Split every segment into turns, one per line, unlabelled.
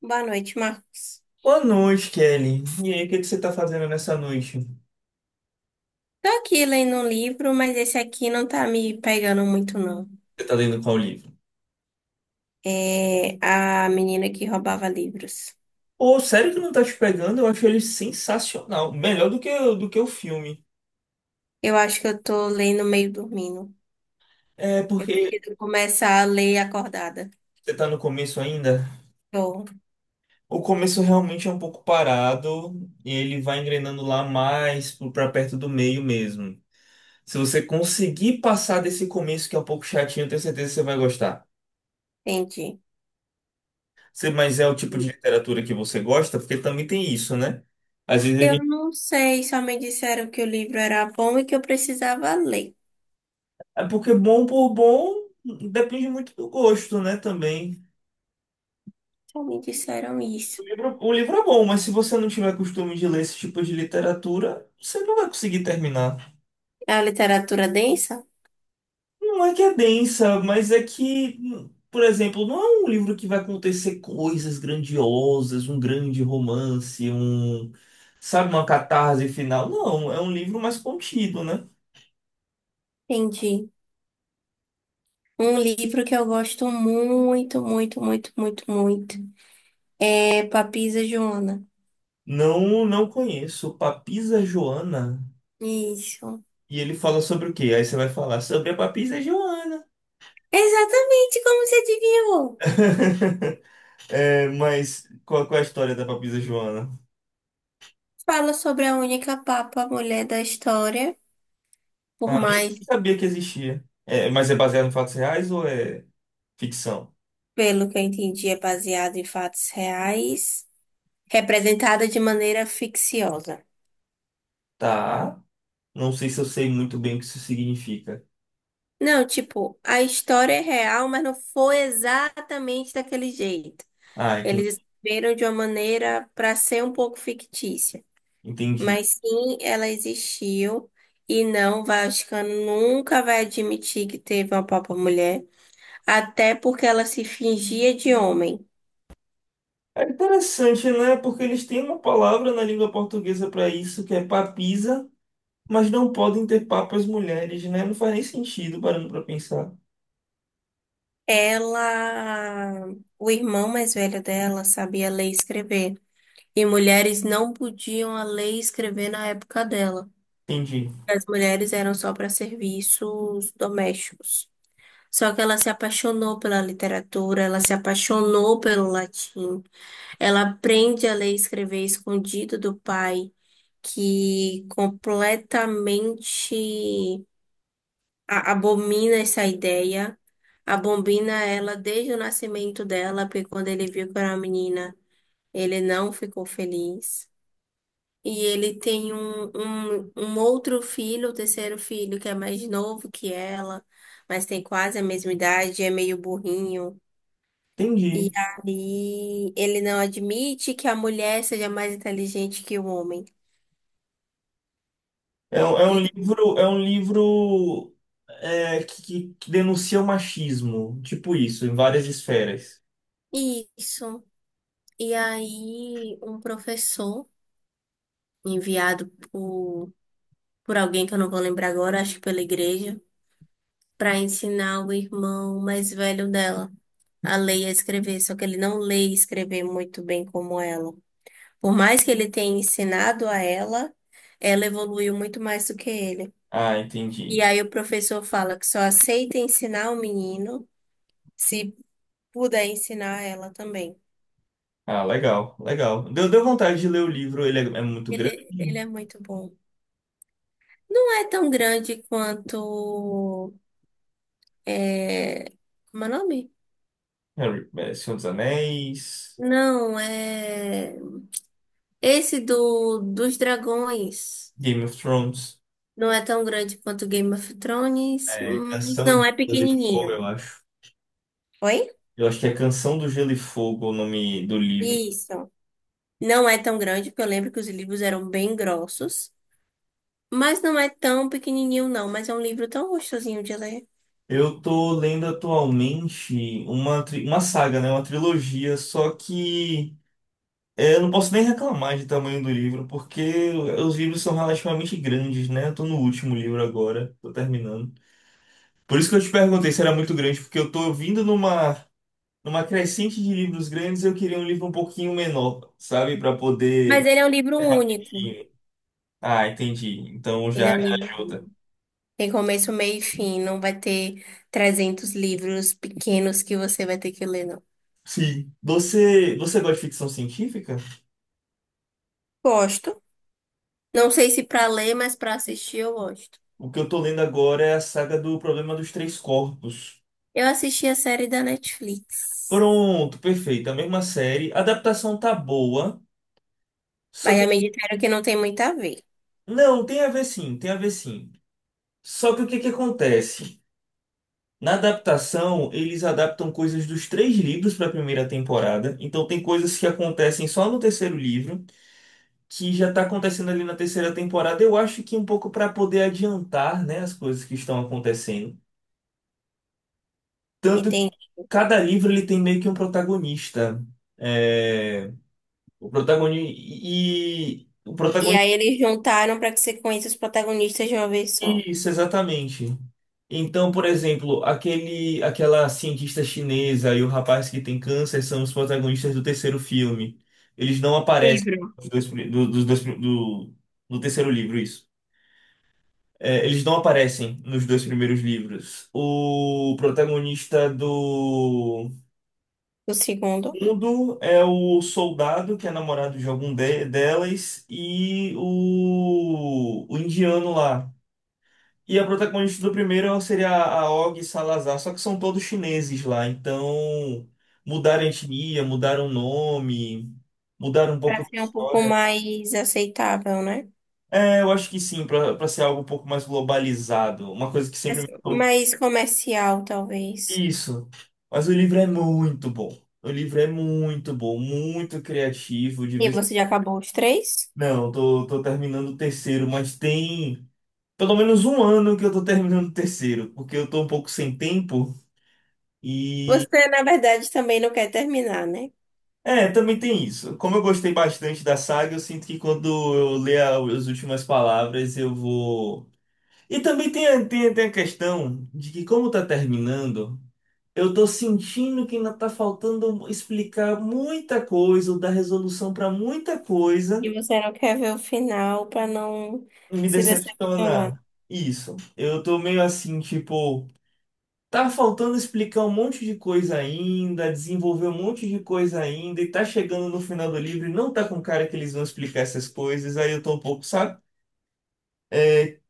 Boa noite, Marcos.
Boa noite, Kelly. E aí, o que você tá fazendo nessa noite?
Tô aqui lendo um livro, mas esse aqui não tá me pegando muito, não.
Você tá lendo qual livro?
É A Menina que Roubava Livros.
Pô, sério que não tá te pegando? Eu acho ele sensacional. Melhor do que o filme.
Eu acho que eu tô lendo meio dormindo.
É
Eu
porque
preciso começar a ler acordada.
você tá no começo ainda.
Tô,
O começo realmente é um pouco parado. E ele vai engrenando lá mais pra perto do meio mesmo. Se você conseguir passar desse começo que é um pouco chatinho, eu tenho certeza que você vai gostar.
entendi.
Mas é o tipo de literatura que você gosta? Porque também tem isso, né? Às vezes a...
Eu não sei, só me disseram que o livro era bom e que eu precisava ler.
É porque bom por bom depende muito do gosto, né, também.
Só me disseram
O
isso.
livro, o livro é bom, mas se você não tiver costume de ler esse tipo de literatura, você não vai conseguir terminar.
É a literatura densa?
Não é que é densa, mas é que, por exemplo, não é um livro que vai acontecer coisas grandiosas, um grande romance, um, sabe, uma catarse final. Não, é um livro mais contido, né?
Entendi. Um livro que eu gosto muito, muito, muito, muito, muito é Papisa Joana.
Não, não conheço. Papisa Joana.
Isso.
E ele fala sobre o quê? Aí você vai falar sobre a Papisa Joana.
Exatamente como você adivinhou.
É, mas qual é a história da Papisa Joana?
Fala sobre a única papa mulher da história, por
Ah, nem
mais,
sabia que existia. É, mas é baseado em fatos reais ou é ficção?
pelo que eu entendi, é baseado em fatos reais, representada de maneira ficciosa.
Tá. Não sei se eu sei muito bem o que isso significa.
Não, tipo, a história é real, mas não foi exatamente daquele jeito.
Ah, enten-
Eles escreveram de uma maneira para ser um pouco fictícia.
Entendi.
Mas sim, ela existiu. E não, o Vaticano nunca vai admitir que teve uma papa mulher. Até porque ela se fingia de homem.
É interessante, né? Porque eles têm uma palavra na língua portuguesa para isso, que é papisa, mas não podem ter papas mulheres, né? Não faz nem sentido parando para pensar.
Ela, o irmão mais velho dela sabia ler e escrever. E mulheres não podiam a ler e escrever na época dela.
Entendi.
As mulheres eram só para serviços domésticos. Só que ela se apaixonou pela literatura, ela se apaixonou pelo latim. Ela aprende a ler e escrever escondido do pai, que completamente abomina essa ideia, abomina ela desde o nascimento dela, porque quando ele viu que era uma menina, ele não ficou feliz. E ele tem um outro filho, o terceiro filho, que é mais novo que ela, mas tem quase a mesma idade, é meio burrinho. E
Entendi.
aí ele não admite que a mulher seja mais inteligente que o homem.
É, é um livro, é um livro é, que denuncia o machismo, tipo isso, em várias esferas.
E isso. E aí um professor enviado por alguém que eu não vou lembrar agora, acho que pela igreja, para ensinar o irmão mais velho dela a ler e a escrever, só que ele não lê e escrever muito bem como ela. Por mais que ele tenha ensinado a ela, ela evoluiu muito mais do que ele.
Ah,
E
entendi.
aí o professor fala que só aceita ensinar o menino se puder ensinar ela também.
Ah, legal, legal. Deu vontade de ler o livro, ele é muito grande.
Ele é muito bom. Não é tão grande quanto. É... Como é o nome?
Harry, é, Senhor dos Anéis,
Não, é. Esse dos dragões
Game of Thrones,
não é tão grande quanto Game of Thrones,
é,
mas
Canção
não
de
é
Gelo e Fogo,
pequenininho.
eu acho.
Oi?
Eu acho que é Canção do Gelo e Fogo o nome do livro.
Isso. Não é tão grande, porque eu lembro que os livros eram bem grossos. Mas não é tão pequenininho, não. Mas é um livro tão gostosinho de ler.
Eu tô lendo atualmente uma saga, né? Uma trilogia, só que... É, eu não posso nem reclamar de tamanho do livro, porque os livros são relativamente grandes, né? Eu tô no último livro agora, tô terminando. Por isso que eu te perguntei se era muito grande, porque eu tô vindo numa crescente de livros grandes, e eu queria um livro um pouquinho menor, sabe? Pra
Mas
poder.
ele é um livro
É
único.
rapidinho. Ah, entendi. Então
Ele é um
já
livro
ajuda.
único. Tem começo, meio e fim. Não vai ter 300 livros pequenos que você vai ter que ler, não.
Sim. Você gosta de ficção científica?
Gosto. Não sei se pra ler, mas pra assistir eu gosto.
O que eu tô lendo agora é a saga do Problema dos Três Corpos.
Eu assisti a série da Netflix.
Pronto, perfeito. A mesma série. A adaptação tá boa, só
Mas já
que...
me disseram que não tem muito a ver.
Não, tem a ver sim, tem a ver sim. Só que o que acontece? Na adaptação, eles adaptam coisas dos três livros para a primeira temporada. Então tem coisas que acontecem só no terceiro livro, que já está acontecendo ali na terceira temporada. Eu acho que um pouco para poder adiantar, né, as coisas que estão acontecendo. Tanto que
Entende?
cada livro ele tem meio que um protagonista. É, o protagonista e o
E
protagonista...
aí eles juntaram para que você conheça os protagonistas de uma vez só.
Isso, exatamente. Então, por exemplo, aquela cientista chinesa e o rapaz que tem câncer são os protagonistas do terceiro filme. Eles não aparecem
Livro.
nos dois pri- do, dos dois pri- do, do terceiro livro, isso. É, eles não aparecem nos dois primeiros livros. O protagonista do
O segundo.
mundo é o soldado, que é namorado de delas, e o indiano lá. E a protagonista do primeiro seria a Og Salazar, só que são todos chineses lá, então mudaram a etnia, mudaram o nome, mudaram um pouco
Para
da
ser um pouco
história, né?
mais aceitável, né?
É, eu acho que sim, pra ser algo um pouco mais globalizado, uma coisa que sempre me
Assim,
falam.
mais comercial, talvez.
Isso. Mas o livro é muito bom. O livro é muito bom, muito criativo, de
E
vez...
você já acabou os três?
Não, tô terminando o terceiro, mas tem pelo menos um ano que eu tô terminando o terceiro, porque eu tô um pouco sem tempo.
Você, na verdade, também não quer terminar, né?
É, também tem isso. Como eu gostei bastante da saga, eu sinto que quando eu ler as últimas palavras, eu vou. E também tem, tem a questão de que, como tá terminando, eu tô sentindo que ainda tá faltando explicar muita coisa, ou dar resolução pra muita coisa,
E você não quer ver o final para não
e me
se decepcionar.
decepciona. Isso. Eu tô meio assim, tipo. Tá faltando explicar um monte de coisa ainda, desenvolver um monte de coisa ainda, e tá chegando no final do livro e não tá com cara que eles vão explicar essas coisas, aí eu tô um pouco, sabe? É,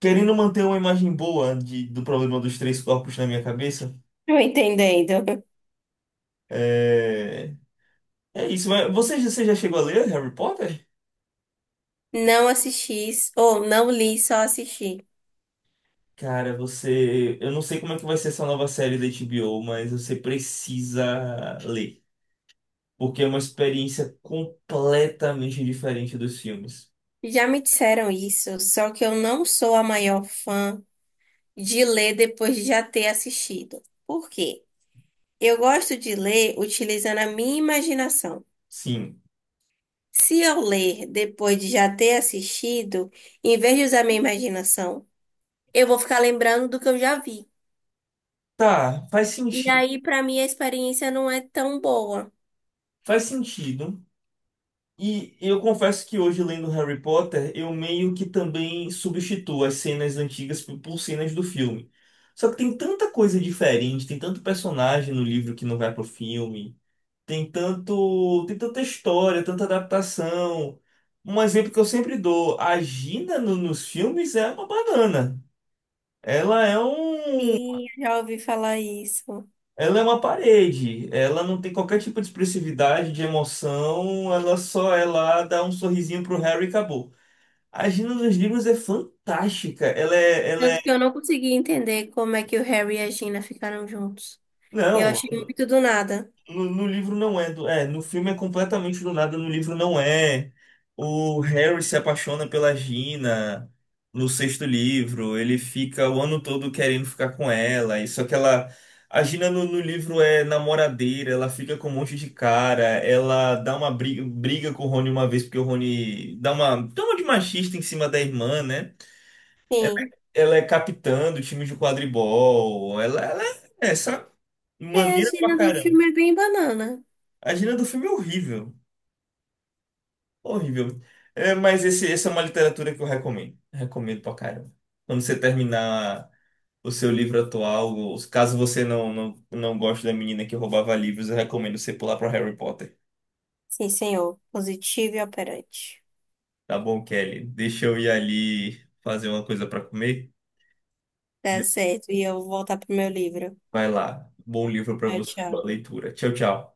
querendo manter uma imagem boa do problema dos três corpos na minha cabeça.
Tô entendendo.
É, é isso, mas você já chegou a ler Harry Potter?
Não assisti, ou não li, só assisti.
Cara, você... Eu não sei como é que vai ser essa nova série da HBO, mas você precisa ler. Porque é uma experiência completamente diferente dos filmes.
Já me disseram isso, só que eu não sou a maior fã de ler depois de já ter assistido. Por quê? Eu gosto de ler utilizando a minha imaginação.
Sim.
Se eu ler depois de já ter assistido, em vez de usar minha imaginação, eu vou ficar lembrando do que eu já vi.
Tá, faz
E
sentido.
aí, pra mim, a experiência não é tão boa.
Faz sentido. E eu confesso que hoje, lendo Harry Potter, eu meio que também substituo as cenas antigas por cenas do filme. Só que tem tanta coisa diferente, tem tanto personagem no livro que não vai pro filme, tem tanta história, tanta adaptação. Um exemplo que eu sempre dou, a Gina nos filmes é uma banana. Ela é um...
Sim, eu já ouvi falar isso.
Ela é uma parede, ela não tem qualquer tipo de expressividade, de emoção, ela só é lá, dá um sorrisinho pro Harry e acabou. A Gina dos livros é fantástica, ela é...
Tanto que eu não consegui entender como é que o Harry e a Gina ficaram juntos. Eu
Não,
achei muito do nada.
No livro não é, no filme é completamente do nada, no livro não é. O Harry se apaixona pela Gina no sexto livro, ele fica o ano todo querendo ficar com ela, e só que ela... A Gina no livro é namoradeira, ela fica com um monte de cara, ela dá uma briga com o Rony uma vez, porque o Rony dá uma toma de machista em cima da irmã, né?
Sim.
Ela é capitã do time de quadribol, ela é essa
É, a
maneira pra
gíria do
caramba.
filme é bem banana.
A Gina do filme é horrível. Horrível. É, mas essa é uma literatura que eu recomendo. Recomendo pra caramba. Quando você terminar o seu livro atual, ou caso você não goste da menina que roubava livros, eu recomendo você pular pra Harry Potter.
Sim, senhor. Positivo e operante.
Tá bom, Kelly? Deixa eu ir ali fazer uma coisa pra comer.
Tá certo. E eu vou voltar pro meu livro.
Vai lá. Bom livro pra
Tchau,
você, boa
tchau.
leitura. Tchau, tchau.